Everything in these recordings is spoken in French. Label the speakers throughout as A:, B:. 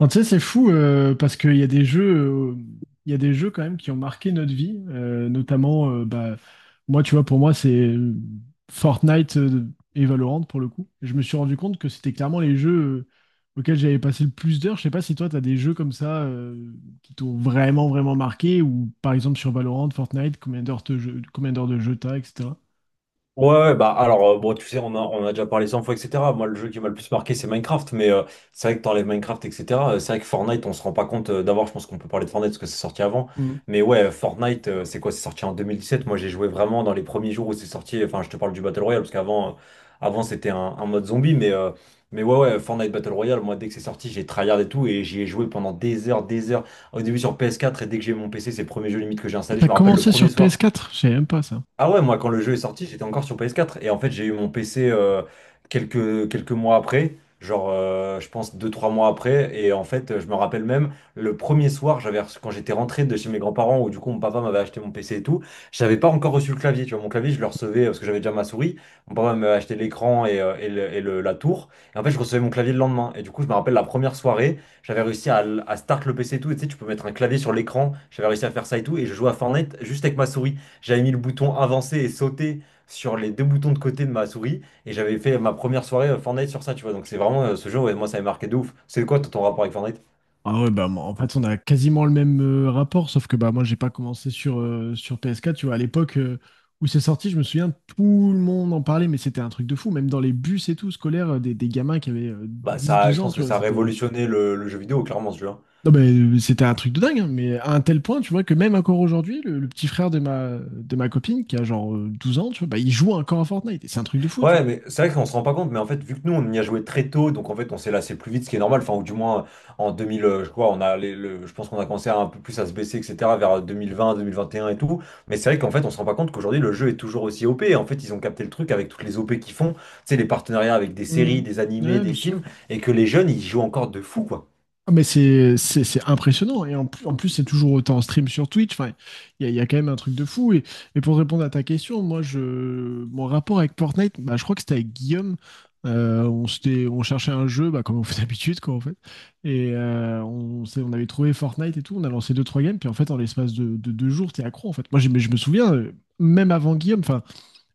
A: Non, tu sais, c'est fou parce qu'il y a des jeux quand même qui ont marqué notre vie, notamment, bah, moi, tu vois, pour moi, c'est Fortnite et Valorant pour le coup. Je me suis rendu compte que c'était clairement les jeux auxquels j'avais passé le plus d'heures. Je sais pas si toi, t'as des jeux comme ça qui t'ont vraiment, vraiment marqué, ou par exemple sur Valorant, Fortnite, combien d'heures de jeu t'as, etc.
B: Ouais, ouais, bah alors, bon tu sais on a déjà parlé 100 fois etc. Moi le jeu qui m'a le plus marqué, c'est Minecraft, mais c'est vrai que t'enlèves Minecraft etc. C'est vrai que Fortnite, on se rend pas compte. D'abord je pense qu'on peut parler de Fortnite parce que c'est sorti avant.
A: Mhm.
B: Mais ouais, Fortnite, c'est quoi, c'est sorti en 2017. Moi j'ai joué vraiment dans les premiers jours où c'est sorti. Enfin, je te parle du Battle Royale, parce qu'avant, avant c'était un mode zombie. Mais mais ouais ouais, Fortnite Battle Royale, moi dès que c'est sorti, j'ai tryhard et tout, et j'y ai joué pendant des heures, des heures, au début sur PS4. Et dès que j'ai eu mon PC, c'est le premier jeu limite que j'ai installé. Je
A: T'as
B: me rappelle le
A: commencé sur
B: premier soir.
A: PS4? Je savais même pas ça.
B: Ah ouais, moi quand le jeu est sorti, j'étais encore sur PS4. Et en fait, j'ai eu mon PC quelques mois après, genre je pense 2 3 mois après. Et en fait, je me rappelle même, le premier soir, quand j'étais rentré de chez mes grands-parents, où du coup mon papa m'avait acheté mon PC et tout, j'avais pas encore reçu le clavier. Tu vois, mon clavier, je le recevais parce que j'avais déjà ma souris. Mon papa m'avait acheté l'écran, et la tour. Et en fait, je recevais mon clavier le lendemain. Et du coup, je me rappelle la première soirée, j'avais réussi à, à start le PC et tout. Et tu sais, tu peux mettre un clavier sur l'écran. J'avais réussi à faire ça et tout. Et je jouais à Fortnite juste avec ma souris. J'avais mis le bouton avancer et sauter sur les deux boutons de côté de ma souris, et j'avais fait ma première soirée Fortnite sur ça, tu vois. Donc c'est vraiment ce jeu, ouais, moi ça m'a marqué de ouf. C'est quoi toi, ton rapport avec Fortnite?
A: Ah ouais, bah, moi, en fait, on a quasiment le même rapport, sauf que bah, moi, j'ai pas commencé sur PS4. Tu vois, à l'époque où c'est sorti, je me souviens, tout le monde en parlait, mais c'était un truc de fou. Même dans les bus et tout, scolaires, des gamins qui avaient
B: Bah ça,
A: 10-12
B: je
A: ans,
B: pense que
A: tu vois,
B: ça a
A: c'était.
B: révolutionné le jeu vidéo, clairement, ce jeu, hein.
A: Non, mais c'était un truc de dingue, hein, mais à un tel point, tu vois, que même encore aujourd'hui, le petit frère de ma copine, qui a genre 12 ans, tu vois, bah, il joue encore à Fortnite. Et c'est un truc de fou, tu
B: Ouais,
A: vois.
B: mais c'est vrai qu'on se rend pas compte, mais en fait, vu que nous, on y a joué très tôt, donc en fait, on s'est lassé plus vite, ce qui est normal. Enfin, ou du moins, en 2000, je crois, on a je pense qu'on a commencé à un peu plus à se baisser, etc., vers 2020, 2021 et un et tout. Mais c'est vrai qu'en fait, on se rend pas compte qu'aujourd'hui, le jeu est toujours aussi OP. En fait, ils ont capté le truc avec toutes les OP qu'ils font, tu sais, les partenariats avec des
A: Hmm.
B: séries, des animés,
A: Ouais, bien
B: des
A: sûr.
B: films, et que les jeunes, ils jouent encore de fou, quoi.
A: Ah, mais c'est impressionnant. Et en plus, c'est toujours autant en stream sur Twitch. Enfin, il y a quand même un truc de fou. Et, pour répondre à ta question, moi, mon rapport avec Fortnite, bah, je crois que c'était avec Guillaume. On cherchait un jeu, bah, comme on fait d'habitude, quoi, en fait. Et on avait trouvé Fortnite et tout. On a lancé deux, trois games. Puis en fait, en l'espace de 2 jours, t'es accro, en fait. Moi, mais je me souviens, même avant Guillaume, enfin,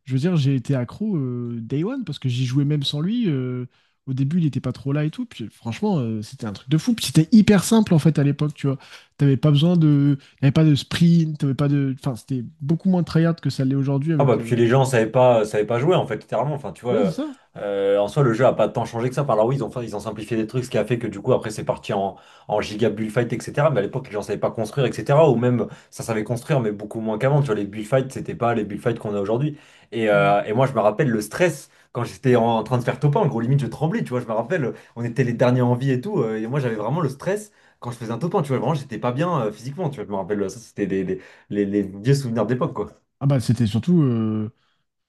A: je veux dire, j'ai été accro day one parce que j'y jouais même sans lui. Au début, il était pas trop là et tout. Puis franchement, c'était un truc de fou. Puis c'était hyper simple en fait à l'époque, tu vois. T'avais pas besoin de. T'avais pas de sprint, t'avais pas de. Enfin, c'était beaucoup moins tryhard que ça l'est aujourd'hui
B: Ah bah
A: avec.
B: puis les gens savaient pas jouer en fait, littéralement, enfin tu vois.
A: Ouais, c'est ça.
B: En soi le jeu a pas tant changé que ça par là. Ils ont simplifié des trucs ce qui a fait que du coup après c'est parti en giga bullfight etc. Mais à l'époque les gens savaient pas construire etc, ou même ça savait construire mais beaucoup moins qu'avant, tu vois. Les bullfights c'était pas les bullfights qu'on a aujourd'hui. Et
A: Mm.
B: et moi je me rappelle le stress quand j'étais en train de faire top 1, en gros limite je tremblais, tu vois. Je me rappelle on était les derniers en vie et tout, et moi j'avais vraiment le stress quand je faisais un top 1, tu vois. Vraiment j'étais pas bien physiquement, tu vois. Je me rappelle ça, c'était les vieux souvenirs d'époque, quoi.
A: Ah bah, c'était surtout.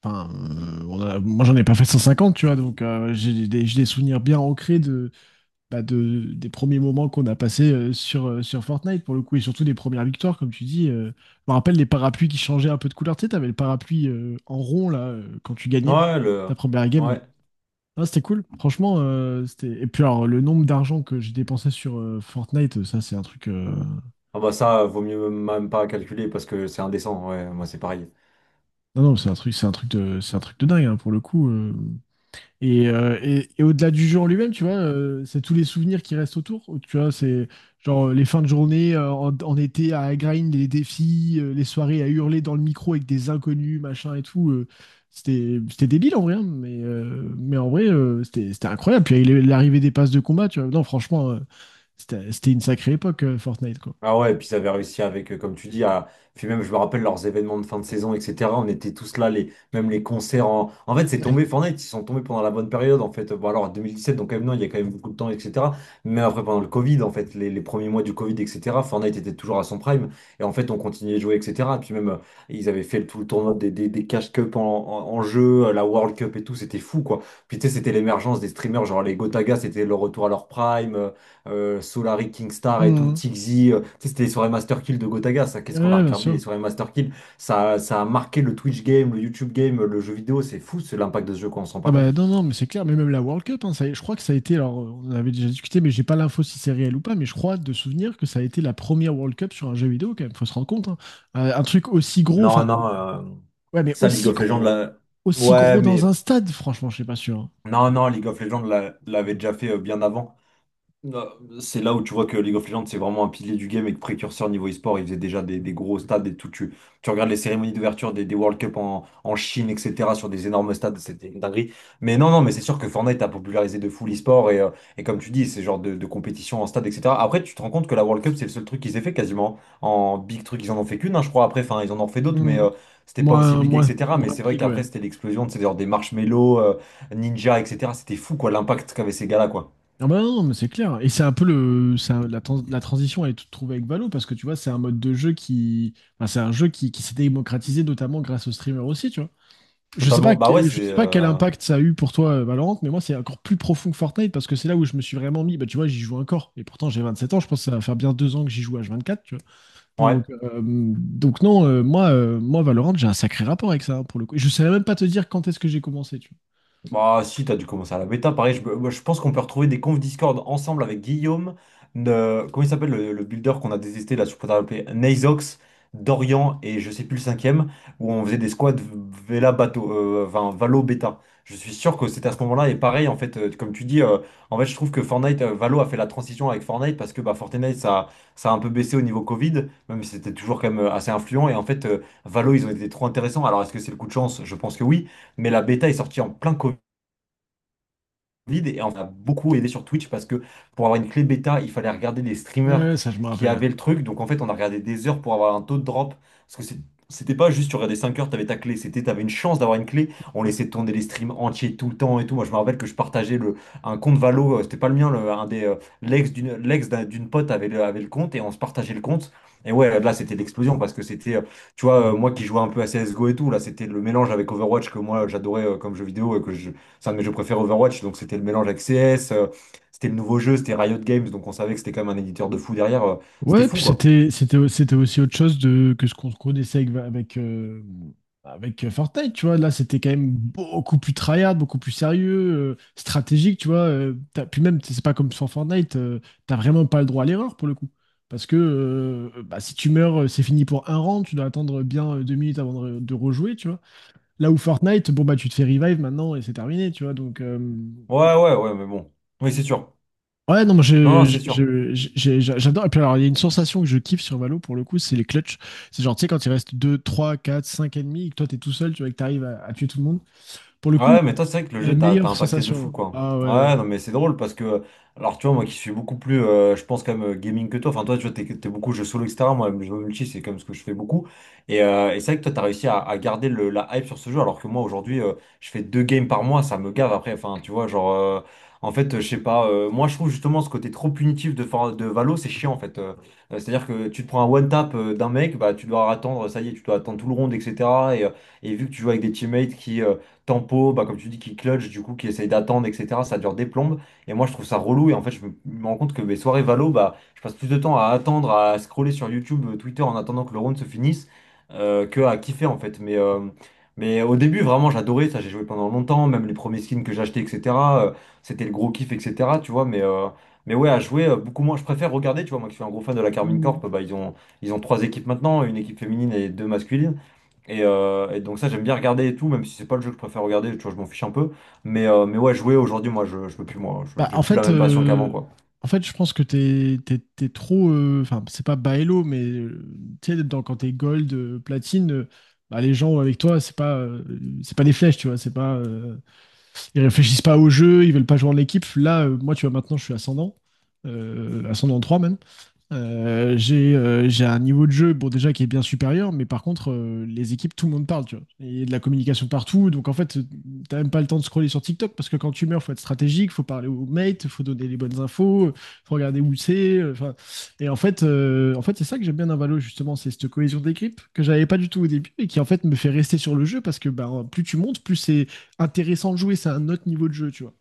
A: Enfin, moi j'en ai pas fait 150, tu vois. Donc j'ai des souvenirs bien ancrés des premiers moments qu'on a passés sur Fortnite pour le coup, et surtout des premières victoires, comme tu dis. Je me rappelle les parapluies qui changeaient un peu de couleur. Tu sais, t'avais le parapluie en rond là quand tu gagnais
B: Ouais, le...
A: ta première game. Là.
B: Ouais.
A: Ah, c'était cool. Franchement, c'était. Et puis alors le nombre d'argent que j'ai dépensé sur Fortnite, ça c'est un truc.
B: Ah bah ça, vaut mieux même pas calculer parce que c'est indécent. Ouais, moi c'est pareil.
A: Non non, c'est un truc de, c'est un truc de dingue hein, pour le coup. Et au-delà du jeu en lui-même, tu vois, c'est tous les souvenirs qui restent autour. Tu vois, c'est genre les fins de journée en été à grind, les défis, les soirées à hurler dans le micro avec des inconnus, machin et tout. C'était débile en vrai, hein, mais en vrai, c'était incroyable. Puis l'arrivée des passes de combat, tu vois, non, franchement, c'était une sacrée époque, Fortnite, quoi.
B: Ah ouais, et puis ils avaient réussi avec, comme tu dis, à... Puis même, je me rappelle leurs événements de fin de saison, etc. On était tous là, les... même les concerts en... En fait, c'est tombé, Fortnite, ils sont tombés pendant la bonne période, en fait. Bon, alors, 2017, donc quand même, non, il y a quand même beaucoup de temps, etc. Mais après, pendant le Covid, en fait, les premiers mois du Covid, etc., Fortnite était toujours à son prime. Et en fait, on continuait de jouer, etc. Puis même, ils avaient fait tout le tournoi des Cash Cup en, en jeu, la World Cup et tout, c'était fou, quoi. Puis tu sais, c'était l'émergence des streamers, genre les Gotaga, c'était le retour à leur prime. Solari, Kingstar et tout,
A: Mhm.
B: Tixi. Tu sais, c'était les soirées Master Kill de Gotaga, ça. Qu'est-ce qu'on a
A: Ouais, bien
B: regardé, les
A: sûr.
B: soirées Master Kill? Ça a marqué le Twitch game, le YouTube game, le jeu vidéo. C'est fou, c'est l'impact de ce jeu, qu'on s'en rend
A: Ah
B: pas compte.
A: bah non, non, mais c'est clair, mais même la World Cup, hein, je crois que ça a été, alors on en avait déjà discuté, mais j'ai pas l'info si c'est réel ou pas, mais je crois de souvenir que ça a été la première World Cup sur un jeu vidéo quand même, faut se rendre compte. Hein. Un truc aussi gros, enfin,
B: Non, non.
A: ouais, mais
B: Ça, League
A: aussi
B: of Legends,
A: gros,
B: là...
A: aussi
B: ouais,
A: gros dans
B: mais
A: un stade, franchement, je suis pas sûr. Hein.
B: non, non, League of Legends l'a- l'avait déjà fait bien avant. Ah, c'est là où tu vois que League of Legends, c'est vraiment un pilier du game et que précurseur niveau e-sport, ils faisaient déjà des gros stades et tout. Tu regardes les cérémonies d'ouverture des World Cup en, en Chine, etc., sur des énormes stades, c'était une dinguerie. Mais non, non, mais c'est sûr que Fortnite a popularisé de fou l'e-sport, et et comme tu dis, c'est genre de compétition en stade, etc. Après, tu te rends compte que la World Cup, c'est le seul truc qu'ils aient fait quasiment. En big truc, ils en ont fait qu'une, hein, je crois. Après, enfin, ils en ont fait d'autres, mais
A: Mhm.
B: c'était pas aussi
A: Moins,
B: big,
A: moins,
B: etc. Mais
A: moins
B: c'est vrai
A: big,
B: qu'après,
A: ouais.
B: c'était l'explosion de ces genre des marshmallows, ninja, etc. C'était fou, quoi, l'impact qu'avaient ces gars-là, quoi.
A: Ah bah non, mais c'est clair. Et c'est un peu le, c'est un- la, trans- la transition, elle est toute trouvée avec Valo, parce que tu vois, c'est un jeu qui s'est démocratisé notamment grâce aux streamers aussi, tu vois.
B: Totalement. Bah ouais,
A: Je
B: c'est.
A: sais pas quel impact ça a eu pour toi, Valorant, mais moi, c'est encore plus profond que Fortnite parce que c'est là où je me suis vraiment mis. Bah, tu vois, j'y joue encore. Et pourtant, j'ai 27 ans. Je pense que ça va faire bien 2 ans que j'y joue H24, tu vois. Donc,
B: Ouais.
A: euh, donc non, moi, Valorant, j'ai un sacré rapport avec ça, hein, pour le coup. Et je savais même pas te dire quand est-ce que j'ai commencé, tu vois.
B: Bah si, t'as dû commencer à la bêta. Pareil, moi, je pense qu'on peut retrouver des confs Discord ensemble avec Guillaume, comment il s'appelle le builder qu'on a détesté là, je pourrais l'appeler Nazox, Dorian et je sais plus le cinquième, où on faisait des squads Vela bateau, enfin, Valo bêta. Je suis sûr que c'était à ce moment-là. Et pareil en fait, comme tu dis, en fait je trouve que Fortnite, Valo a fait la transition avec Fortnite, parce que bah, ça a un peu baissé au niveau Covid, même si c'était toujours quand même assez influent. Et en fait Valo, ils ont été trop intéressants. Alors est-ce que c'est le coup de chance? Je pense que oui. Mais la bêta est sortie en plein Covid vide et on a beaucoup aidé sur Twitch, parce que pour avoir une clé bêta, il fallait regarder les streamers
A: Ouais, ça, je me
B: qui
A: rappelle.
B: avaient le truc. Donc en fait, on a regardé des heures pour avoir un taux de drop, parce que c'était pas juste tu regardais 5 heures, t'avais ta clé, c'était t'avais une chance d'avoir une clé. On laissait tourner les streams entiers tout le temps et tout. Moi, je me rappelle que je partageais le un compte Valo, c'était pas le mien, un des d'une pote avait avait le compte, et on se partageait le compte. Et ouais, là, c'était l'explosion parce que c'était tu vois, moi qui jouais un peu à CSGO et tout, là, c'était le mélange avec Overwatch que moi j'adorais comme jeu vidéo, et c'est un de mes jeux préférés Overwatch. Donc c'était le mélange avec CS, c'était le nouveau jeu, c'était Riot Games, donc on savait que c'était quand même un éditeur de fou derrière. C'était
A: Ouais,
B: fou,
A: puis
B: quoi.
A: c'était aussi autre chose de que ce qu'on connaissait avec Fortnite, tu vois. Là, c'était quand même beaucoup plus tryhard, beaucoup plus sérieux, stratégique, tu vois. Puis même, c'est pas comme sur Fortnite, t'as vraiment pas le droit à l'erreur pour le coup, parce que bah, si tu meurs, c'est fini pour un rang, tu dois attendre bien 2 minutes avant de rejouer, tu vois. Là où Fortnite, bon, bah, tu te fais revive maintenant et c'est terminé, tu vois. Donc,
B: Ouais, ouais, ouais, mais bon. Oui, c'est sûr.
A: ouais, non, moi,
B: Non, non, c'est sûr.
A: j'adore. Et puis, alors, il y a une sensation que je kiffe sur Valo pour le coup, c'est les clutches. C'est genre, tu sais, quand il reste 2, 3, 4, 5 ennemis et que toi, t'es tout seul, tu vois, et que t'arrives à tuer tout le monde. Pour le coup,
B: Ouais, mais toi, c'est vrai que le
A: c'est la
B: jeu t'a
A: meilleure
B: impacté de fou,
A: sensation.
B: quoi.
A: Ah ouais, ouais.
B: Ouais, non, mais c'est drôle parce que, alors, tu vois, moi qui suis beaucoup plus, je pense, quand même, gaming que toi. Enfin, toi, tu vois, t'es beaucoup jeu solo, etc. Moi, le jeu multi, c'est comme ce que je fais beaucoup. Et, et c'est vrai que toi, t'as réussi à garder la hype sur ce jeu, alors que moi, aujourd'hui, je fais 2 games par mois, ça me gave après. Enfin, tu vois, genre, en fait, je sais pas, moi, je trouve justement ce côté trop punitif de, de Valo, c'est chiant, en fait. C'est-à-dire que tu te prends un one-tap d'un mec, bah, tu dois attendre, ça y est, tu dois attendre tout le round, etc. Et, euh, et vu que tu joues avec des teammates qui. Tempo, bah, comme tu dis, qui clutch, du coup, qui essaye d'attendre, etc. Ça dure des plombes. Et moi, je trouve ça relou. Et en fait, je me rends compte que mes soirées valo, bah, je passe plus de temps à attendre, à scroller sur YouTube, Twitter en attendant que le round se finisse, que à kiffer, en fait. Mais au début, vraiment, j'adorais ça. J'ai joué pendant longtemps, même les premiers skins que j'achetais, etc. euh, C'était le gros kiff, etc. Tu vois, mais. Mais ouais, à jouer, beaucoup moins. Je préfère regarder, tu vois, moi qui suis un gros fan de la Carmine
A: Mm.
B: Corp, bah, ils ont 3 équipes maintenant, une équipe féminine et deux masculines. Et, et donc ça j'aime bien regarder et tout, même si c'est pas le jeu que je préfère regarder, tu vois, je m'en fiche un peu. Mais ouais, jouer aujourd'hui, je peux plus, moi,
A: Bah,
B: j'ai
A: en
B: plus la
A: fait,
B: même passion qu'avant,
A: euh,
B: quoi.
A: en fait, je pense que t'es trop. Enfin, c'est pas bas elo, mais tu sais, quand t'es gold, platine. Bah, les gens avec toi, c'est pas des flèches, tu vois, c'est pas, ils réfléchissent pas au jeu, ils veulent pas jouer en équipe. Là, moi, tu vois, maintenant, je suis ascendant 3 même. J'ai un niveau de jeu bon déjà qui est bien supérieur mais par contre les équipes tout le monde parle tu vois et il y a de la communication partout donc en fait t'as même pas le temps de scroller sur TikTok parce que quand tu meurs faut être stratégique faut parler aux mates faut donner les bonnes infos faut regarder où c'est enfin et en fait c'est ça que j'aime bien dans Valo justement c'est cette cohésion d'équipe que j'avais pas du tout au début et qui en fait me fait rester sur le jeu parce que bah, plus tu montes plus c'est intéressant de jouer c'est un autre niveau de jeu tu vois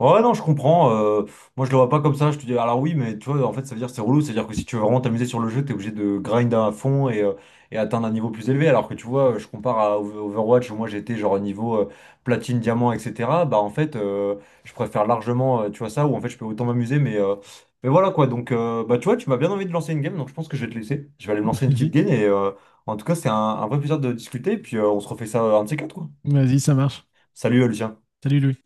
B: Ouais, non, je comprends. Moi, je le vois pas comme ça. Je te dis, alors oui, mais tu vois, en fait, ça veut dire que c'est relou. C'est-à-dire que si tu veux vraiment t'amuser sur le jeu, t'es obligé de grind à fond, et atteindre un niveau plus élevé. Alors que tu vois, je compare à Overwatch où moi j'étais genre niveau platine, diamant, etc. Bah, en fait, je préfère largement, tu vois, ça où en fait je peux autant m'amuser. Mais voilà quoi. Donc, bah, tu vois, tu m'as bien envie de lancer une game. Donc, je pense que je vais te laisser. Je vais aller me lancer une petite
A: vas-y
B: game. Et en tout cas, c'est un vrai plaisir de discuter. Et puis, on se refait ça un de ces quatre, quoi.
A: vas-y ça marche
B: Salut, Lucien.
A: salut Louis